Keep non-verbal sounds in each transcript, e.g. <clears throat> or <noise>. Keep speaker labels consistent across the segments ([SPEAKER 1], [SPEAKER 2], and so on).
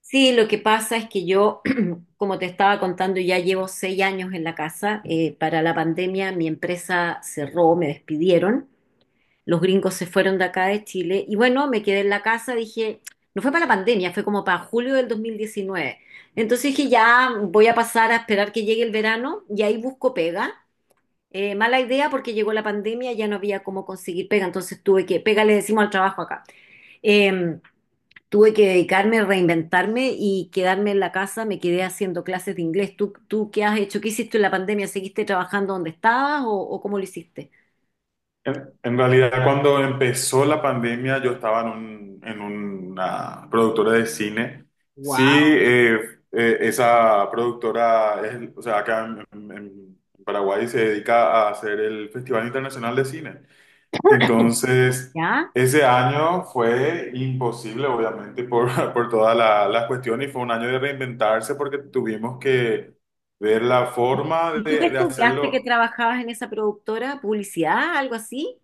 [SPEAKER 1] Sí, lo que pasa es que yo, <clears throat> como te estaba contando, ya llevo 6 años en la casa. Para la pandemia mi empresa cerró, me despidieron, los gringos se fueron de acá de Chile y bueno, me quedé en la casa, dije, no fue para la pandemia, fue como para julio del 2019. Entonces dije, ya voy a pasar a esperar que llegue el verano y ahí busco pega. Mala idea porque llegó la pandemia, ya no había cómo conseguir pega, entonces tuve que, pega le decimos al trabajo acá. Em, Tuve que dedicarme, reinventarme y quedarme en la casa, me quedé haciendo clases de inglés. ¿Tú qué has hecho? ¿Qué hiciste en la pandemia? ¿Seguiste trabajando donde estabas o cómo lo hiciste?
[SPEAKER 2] En realidad, cuando empezó la pandemia, yo estaba en, en una productora de cine. Sí,
[SPEAKER 1] Wow.
[SPEAKER 2] esa productora, es, o sea, acá en, en Paraguay se dedica a hacer el Festival Internacional de Cine. Entonces,
[SPEAKER 1] ¿Ya?
[SPEAKER 2] ese año fue imposible, obviamente, por, <laughs> por todas las cuestiones y fue un año de reinventarse porque tuvimos que ver la forma
[SPEAKER 1] ¿Y tú qué
[SPEAKER 2] de
[SPEAKER 1] estudiaste que
[SPEAKER 2] hacerlo.
[SPEAKER 1] trabajabas en esa productora? ¿Publicidad? ¿Algo así?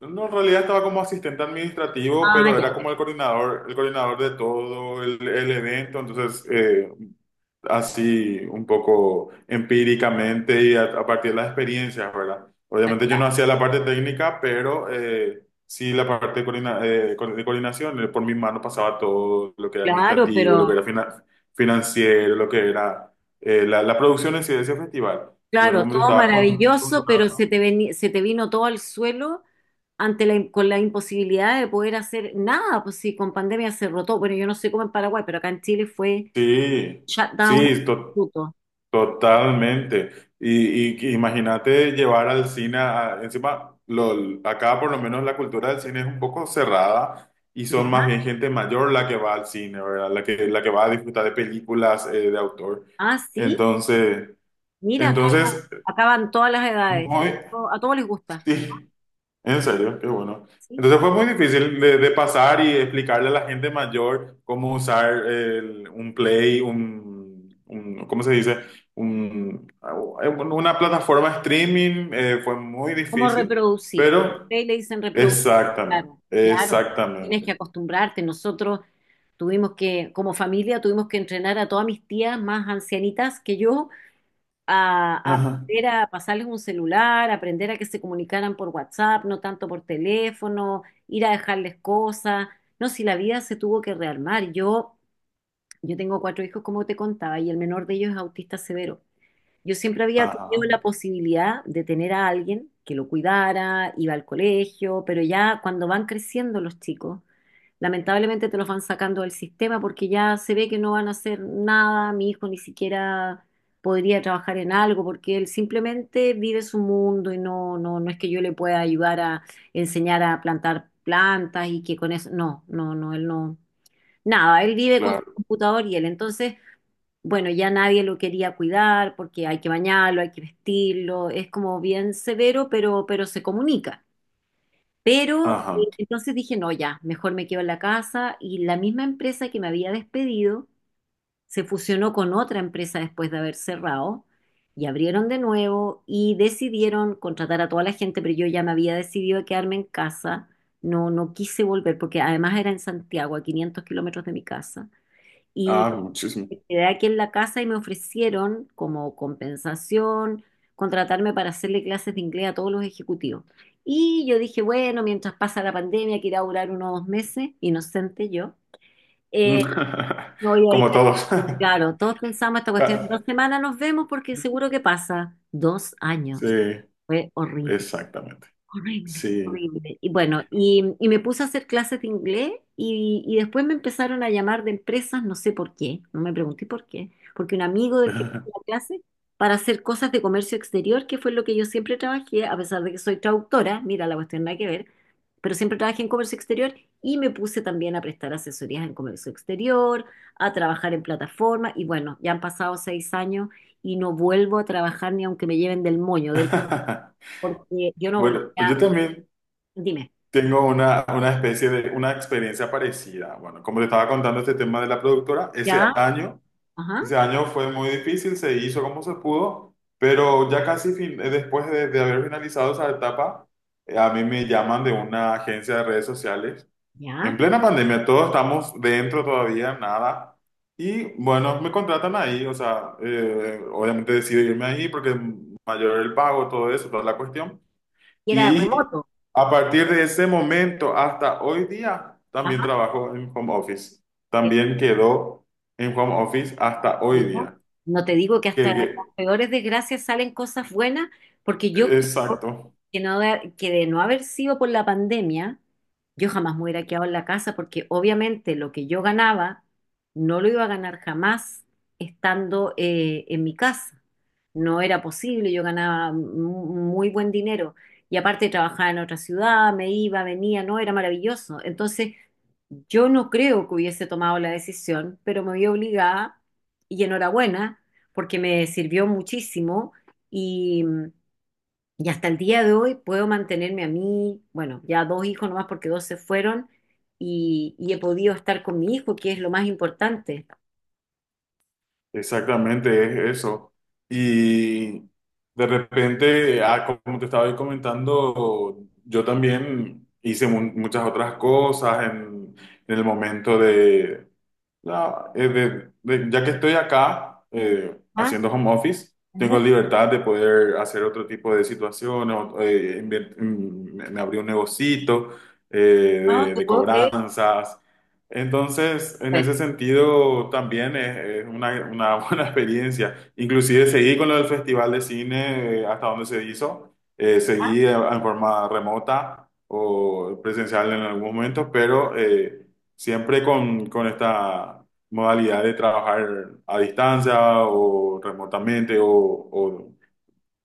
[SPEAKER 2] No, no, en realidad estaba como asistente administrativo,
[SPEAKER 1] Ah,
[SPEAKER 2] pero
[SPEAKER 1] ya,
[SPEAKER 2] era como el coordinador de todo el evento, entonces así un poco empíricamente y a partir de las experiencias, ¿verdad?
[SPEAKER 1] ya,
[SPEAKER 2] Obviamente
[SPEAKER 1] ya,
[SPEAKER 2] yo no hacía la parte técnica, pero sí la parte de, de coordinación, por mi mano pasaba todo lo que era
[SPEAKER 1] claro,
[SPEAKER 2] administrativo,
[SPEAKER 1] pero
[SPEAKER 2] lo que era financiero, lo que era la, la producción en sí de ese festival. Y bueno,
[SPEAKER 1] claro,
[SPEAKER 2] como te
[SPEAKER 1] todo
[SPEAKER 2] estaba
[SPEAKER 1] maravilloso, pero se te vino todo al suelo ante con la imposibilidad de poder hacer nada, pues sí, con pandemia se rotó. Bueno, yo no sé cómo en Paraguay, pero acá en Chile fue
[SPEAKER 2] sí.
[SPEAKER 1] shutdown
[SPEAKER 2] Sí,
[SPEAKER 1] absoluto.
[SPEAKER 2] totalmente. Y que imagínate llevar al cine, encima, lo, acá por lo menos la cultura del cine es un poco cerrada y son
[SPEAKER 1] ¿Ya?
[SPEAKER 2] más bien gente mayor la que va al cine, ¿verdad? La que va a disfrutar de películas de autor.
[SPEAKER 1] Ah, sí.
[SPEAKER 2] Entonces,
[SPEAKER 1] Mira, acá,
[SPEAKER 2] entonces,
[SPEAKER 1] acá van todas las edades.
[SPEAKER 2] muy,
[SPEAKER 1] A todos les gusta, ¿no?
[SPEAKER 2] sí, en serio, qué bueno.
[SPEAKER 1] ¿Sí?
[SPEAKER 2] Entonces fue muy difícil de pasar y explicarle a la gente mayor cómo usar un Play, ¿cómo se dice? Un- una plataforma streaming. Fue muy
[SPEAKER 1] ¿Cómo
[SPEAKER 2] difícil,
[SPEAKER 1] reproducir?
[SPEAKER 2] pero
[SPEAKER 1] Ustedes le dicen reproducir.
[SPEAKER 2] exactamente,
[SPEAKER 1] Claro, claro. Tienes
[SPEAKER 2] exactamente.
[SPEAKER 1] que acostumbrarte. Nosotros tuvimos que, como familia, tuvimos que entrenar a todas mis tías más ancianitas que yo a
[SPEAKER 2] Ajá,
[SPEAKER 1] aprender a pasarles un celular, aprender a que se comunicaran por WhatsApp, no tanto por teléfono, ir a dejarles cosas. No, si la vida se tuvo que rearmar. Yo tengo cuatro hijos, como te contaba, y el menor de ellos es autista severo. Yo siempre había tenido
[SPEAKER 2] ajá,
[SPEAKER 1] la posibilidad de tener a alguien que lo cuidara, iba al colegio, pero ya cuando van creciendo los chicos, lamentablemente te los van sacando del sistema porque ya se ve que no van a hacer nada, mi hijo ni siquiera podría trabajar en algo porque él simplemente vive su mundo y no, no, no es que yo le pueda ayudar a enseñar a plantar plantas y que con eso, no, no, no, él no. Nada, él vive con su
[SPEAKER 2] claro,
[SPEAKER 1] computador y él. Entonces, bueno, ya nadie lo quería cuidar porque hay que bañarlo, hay que vestirlo, es como bien severo, pero se comunica. Pero
[SPEAKER 2] ajá.
[SPEAKER 1] entonces dije, no, ya, mejor me quedo en la casa y la misma empresa que me había despedido se fusionó con otra empresa después de haber cerrado y abrieron de nuevo y decidieron contratar a toda la gente, pero yo ya me había decidido a quedarme en casa, no, no quise volver porque además era en Santiago, a 500 kilómetros de mi casa. Y
[SPEAKER 2] Ah, muchísimo.
[SPEAKER 1] me quedé aquí en la casa y me ofrecieron como compensación contratarme para hacerle clases de inglés a todos los ejecutivos. Y yo dije, bueno, mientras pasa la pandemia, que irá a durar unos 2 meses, inocente yo, eh,
[SPEAKER 2] <laughs>
[SPEAKER 1] me voy a
[SPEAKER 2] Como
[SPEAKER 1] dedicar-
[SPEAKER 2] todos. <laughs>
[SPEAKER 1] claro, todos pensamos esta cuestión, en
[SPEAKER 2] Ah,
[SPEAKER 1] 2 semanas nos vemos porque seguro que pasa. Dos
[SPEAKER 2] sí,
[SPEAKER 1] años. Fue horrible.
[SPEAKER 2] exactamente.
[SPEAKER 1] Horrible,
[SPEAKER 2] Sí.
[SPEAKER 1] horrible. Y bueno, y me puse a hacer clases de inglés y después me empezaron a llamar de empresas, no sé por qué, no me pregunté por qué, porque un amigo del que me hacía la clase para hacer cosas de comercio exterior, que fue lo que yo siempre trabajé, a pesar de que soy traductora, mira, la cuestión nada que ver, pero siempre trabajé en comercio exterior y me puse también a prestar asesorías en comercio exterior, a trabajar en plataformas y bueno, ya han pasado 6 años y no vuelvo a trabajar ni aunque me lleven del moño, del,
[SPEAKER 2] <laughs>
[SPEAKER 1] porque yo no
[SPEAKER 2] Bueno, pues
[SPEAKER 1] volvería.
[SPEAKER 2] yo también
[SPEAKER 1] Dime.
[SPEAKER 2] tengo una especie de, una experiencia parecida. Bueno, como te estaba contando este tema de la productora,
[SPEAKER 1] Ya, ajá,
[SPEAKER 2] ese año fue muy difícil, se hizo como se pudo, pero ya casi después de haber finalizado esa etapa, a mí me llaman de una agencia de redes sociales.
[SPEAKER 1] ya.
[SPEAKER 2] En plena pandemia, todos estamos dentro todavía, nada. Y bueno, me contratan ahí, o sea, obviamente decido irme ahí porque mayor el pago, todo eso, toda la cuestión.
[SPEAKER 1] Y era
[SPEAKER 2] Y
[SPEAKER 1] remoto.
[SPEAKER 2] a partir de ese momento hasta hoy día, también
[SPEAKER 1] Ajá.
[SPEAKER 2] trabajo en home office.
[SPEAKER 1] eh,
[SPEAKER 2] También quedó en home office hasta hoy
[SPEAKER 1] Digo,
[SPEAKER 2] día.
[SPEAKER 1] no te digo que hasta de
[SPEAKER 2] Que,
[SPEAKER 1] las peores desgracias salen cosas buenas, porque yo creo
[SPEAKER 2] exacto.
[SPEAKER 1] que no, que de no haber sido por la pandemia, yo jamás me hubiera quedado en la casa porque obviamente lo que yo ganaba no lo iba a ganar jamás estando en mi casa. No era posible, yo ganaba muy buen dinero y aparte trabajaba en otra ciudad, me iba, venía, no, era maravilloso. Entonces, yo no creo que hubiese tomado la decisión, pero me vi obligada y enhorabuena porque me sirvió muchísimo y hasta el día de hoy puedo mantenerme a mí, bueno, ya dos hijos nomás porque dos se fueron y he podido estar con mi hijo, que es lo más importante.
[SPEAKER 2] Exactamente, es eso. Y de repente, ah, como te estaba ahí comentando, yo también hice muchas otras cosas en el momento de, la- eh, de- ya que estoy acá
[SPEAKER 1] Ah,
[SPEAKER 2] haciendo home office,
[SPEAKER 1] ujú.
[SPEAKER 2] tengo libertad de poder hacer otro tipo de situaciones, me abrí un negocito
[SPEAKER 1] No te
[SPEAKER 2] de
[SPEAKER 1] puedo creer.
[SPEAKER 2] cobranzas, entonces, en ese
[SPEAKER 1] Pero,
[SPEAKER 2] sentido, también es una <laughs> buena experiencia. Inclusive seguí con lo del Festival de Cine hasta donde se hizo.
[SPEAKER 1] ajá.
[SPEAKER 2] Seguí en forma remota o presencial en algún momento, pero siempre con esta modalidad de trabajar a distancia o remotamente o,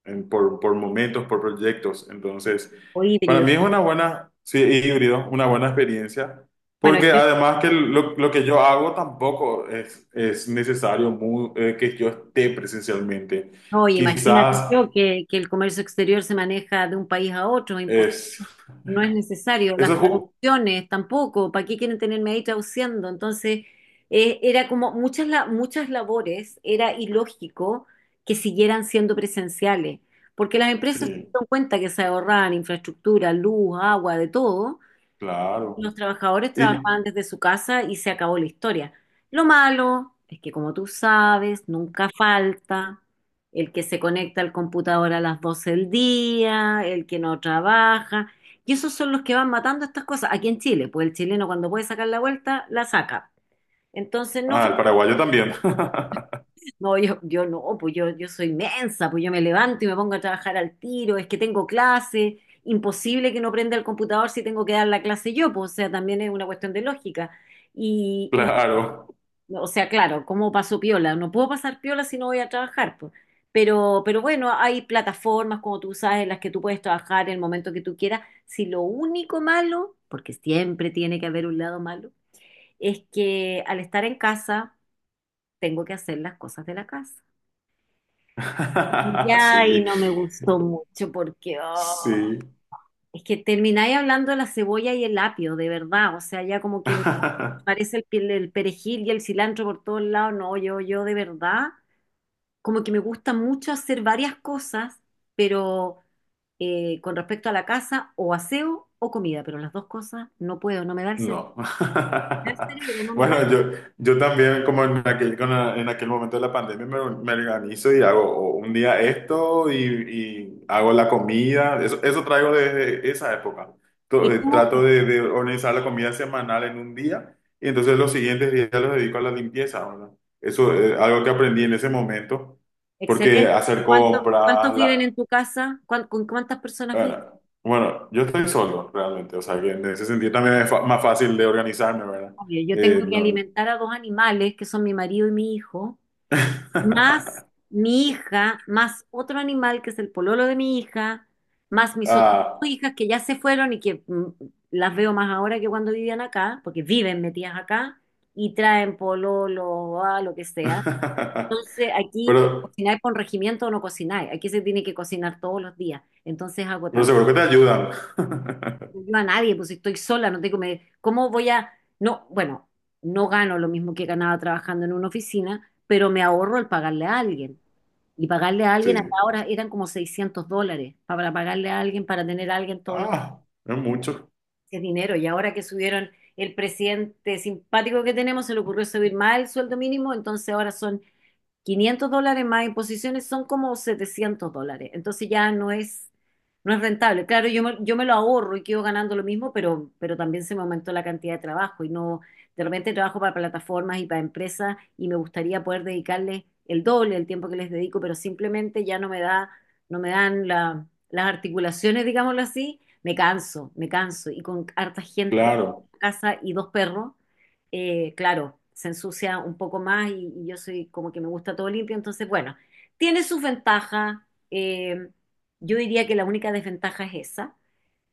[SPEAKER 2] por momentos, por proyectos. Entonces,
[SPEAKER 1] O
[SPEAKER 2] para
[SPEAKER 1] híbrido.
[SPEAKER 2] mí es una buena, sí, híbrido, una buena experiencia,
[SPEAKER 1] Bueno,
[SPEAKER 2] porque
[SPEAKER 1] yo,
[SPEAKER 2] además que lo que yo hago tampoco es, es necesario que yo esté presencialmente.
[SPEAKER 1] no, imagínate
[SPEAKER 2] Quizás
[SPEAKER 1] yo que el comercio exterior se maneja de un país a otro, es
[SPEAKER 2] es,
[SPEAKER 1] no es necesario, las
[SPEAKER 2] eso es, ju-
[SPEAKER 1] traducciones tampoco, ¿para qué quieren tenerme ahí traduciendo? Entonces, era como muchas, muchas labores, era ilógico que siguieran siendo presenciales, porque las empresas se
[SPEAKER 2] sí,
[SPEAKER 1] dieron cuenta que se ahorraban infraestructura, luz, agua, de todo,
[SPEAKER 2] claro.
[SPEAKER 1] los trabajadores
[SPEAKER 2] Y,
[SPEAKER 1] trabajaban desde su casa y se acabó la historia. Lo malo es que, como tú sabes, nunca falta el que se conecta al computador a las 12 del día, el que no trabaja. Y esos son los que van matando estas cosas. Aquí en Chile, pues el chileno cuando puede sacar la vuelta, la saca. Entonces no
[SPEAKER 2] ah, el paraguayo también. <laughs>
[SPEAKER 1] no, yo no, pues yo soy mensa, pues yo me levanto y me pongo a trabajar al tiro, es que tengo clase, imposible que no prenda el computador si tengo que dar la clase yo, pues o sea, también es una cuestión de lógica. Y,
[SPEAKER 2] Claro.
[SPEAKER 1] y, o sea, claro, ¿cómo paso piola? No puedo pasar piola si no voy a trabajar, pues. Pero bueno, hay plataformas, como tú sabes, en las que tú puedes trabajar en el momento que tú quieras. Si lo único malo, porque siempre tiene que haber un lado malo, es que al estar en casa tengo que hacer las cosas de la casa.
[SPEAKER 2] <laughs>
[SPEAKER 1] Ya, y
[SPEAKER 2] Sí,
[SPEAKER 1] no me gustó mucho porque oh,
[SPEAKER 2] sí.
[SPEAKER 1] es que termináis hablando de la cebolla y el apio, de verdad. O sea, ya como que no
[SPEAKER 2] <laughs>
[SPEAKER 1] parece el, el perejil y el cilantro por todos lados. No, yo de verdad, como que me gusta mucho hacer varias cosas, pero con respecto a la casa, o aseo o comida, pero las dos cosas no puedo, no me da
[SPEAKER 2] No. <laughs>
[SPEAKER 1] el cerebro no me da.
[SPEAKER 2] Bueno, yo también, como en aquel, en aquel momento de la pandemia, me organizo y hago o un día esto y hago la comida. Eso traigo desde esa época.
[SPEAKER 1] Y tú,
[SPEAKER 2] Trato de organizar la comida semanal en un día y entonces los siguientes días los dedico a la limpieza, ¿verdad? Eso es algo que aprendí en ese momento, porque
[SPEAKER 1] excelente. ¿Y
[SPEAKER 2] hacer
[SPEAKER 1] cuánto, cuántos
[SPEAKER 2] compras,
[SPEAKER 1] viven en tu casa? Con cuántas personas viven?
[SPEAKER 2] bueno, bueno, yo estoy solo realmente, o sea que en ese sentido también es más fácil de organizarme, ¿verdad?
[SPEAKER 1] Oye, yo tengo que
[SPEAKER 2] No.
[SPEAKER 1] alimentar a dos animales, que son mi marido y mi hijo, más
[SPEAKER 2] <laughs>
[SPEAKER 1] mi hija, más otro animal que es el pololo de mi hija, más mis otras dos
[SPEAKER 2] Ah.
[SPEAKER 1] hijas que ya se fueron y que las veo más ahora que cuando vivían acá, porque viven metidas acá y traen pololo, a lo que sea.
[SPEAKER 2] <laughs>
[SPEAKER 1] Entonces aquí o
[SPEAKER 2] Pero,
[SPEAKER 1] cocinar con regimiento o no cocinar, aquí se tiene que cocinar todos los días, entonces es
[SPEAKER 2] pero
[SPEAKER 1] agotador.
[SPEAKER 2] seguro que te ayudan. <laughs>
[SPEAKER 1] Yo a nadie, pues estoy sola, no tengo, me, ¿cómo voy a, no, bueno, no gano lo mismo que ganaba trabajando en una oficina, pero me ahorro el pagarle a alguien. Y pagarle a alguien
[SPEAKER 2] Sí.
[SPEAKER 1] hasta ahora eran como $600 para pagarle a alguien, para tener a alguien todos los
[SPEAKER 2] Ah, es mucho.
[SPEAKER 1] meses dinero. Y ahora que subieron el presidente simpático que tenemos, se le ocurrió subir más el sueldo mínimo, entonces ahora son $500 más imposiciones son como $700. Entonces ya no es, no es rentable. Claro, yo me lo ahorro y quedo ganando lo mismo, pero también se me aumentó la cantidad de trabajo y no, de repente trabajo para plataformas y para empresas y me gustaría poder dedicarles el doble del tiempo que les dedico, pero simplemente ya no me da, no me dan las articulaciones, digámoslo así. Me canso, me canso. Y con harta gente
[SPEAKER 2] Claro,
[SPEAKER 1] en casa y dos perros, claro, se ensucia un poco más y yo soy como que me gusta todo limpio, entonces, bueno, tiene sus ventajas. eh, yo diría que la única desventaja es esa,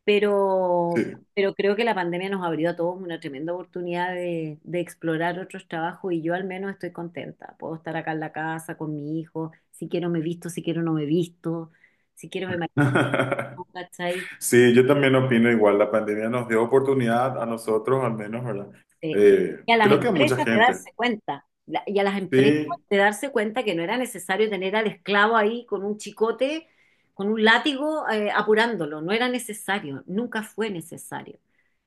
[SPEAKER 1] pero,
[SPEAKER 2] sí.
[SPEAKER 1] pero creo que la pandemia nos abrió a todos una tremenda oportunidad de explorar otros trabajos y yo al menos estoy contenta. Puedo estar acá en la casa con mi hijo, si quiero me visto, si quiero no me visto, si quiero me maquillo,
[SPEAKER 2] <laughs>
[SPEAKER 1] ¿cachai?
[SPEAKER 2] Sí, yo también opino igual. La pandemia nos dio oportunidad a nosotros, al menos, ¿verdad?
[SPEAKER 1] Sí.
[SPEAKER 2] Creo que a mucha gente.
[SPEAKER 1] Y a las empresas
[SPEAKER 2] Sí,
[SPEAKER 1] de darse cuenta que no era necesario tener al esclavo ahí con un chicote, con un látigo, apurándolo, no era necesario, nunca fue necesario.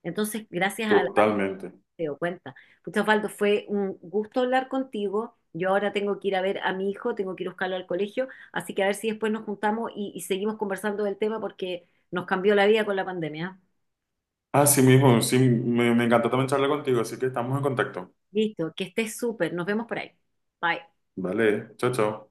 [SPEAKER 1] Entonces, gracias a la
[SPEAKER 2] totalmente.
[SPEAKER 1] se dio cuenta. Pucha, Osvaldo, fue un gusto hablar contigo. Yo ahora tengo que ir a ver a mi hijo, tengo que ir a buscarlo al colegio, así que a ver si después nos juntamos y seguimos conversando del tema porque nos cambió la vida con la pandemia.
[SPEAKER 2] Así mismo, sí, me encantó también charlar contigo, así que estamos en contacto.
[SPEAKER 1] Listo, que estés súper, nos vemos por ahí. Bye.
[SPEAKER 2] Vale, chao, chao.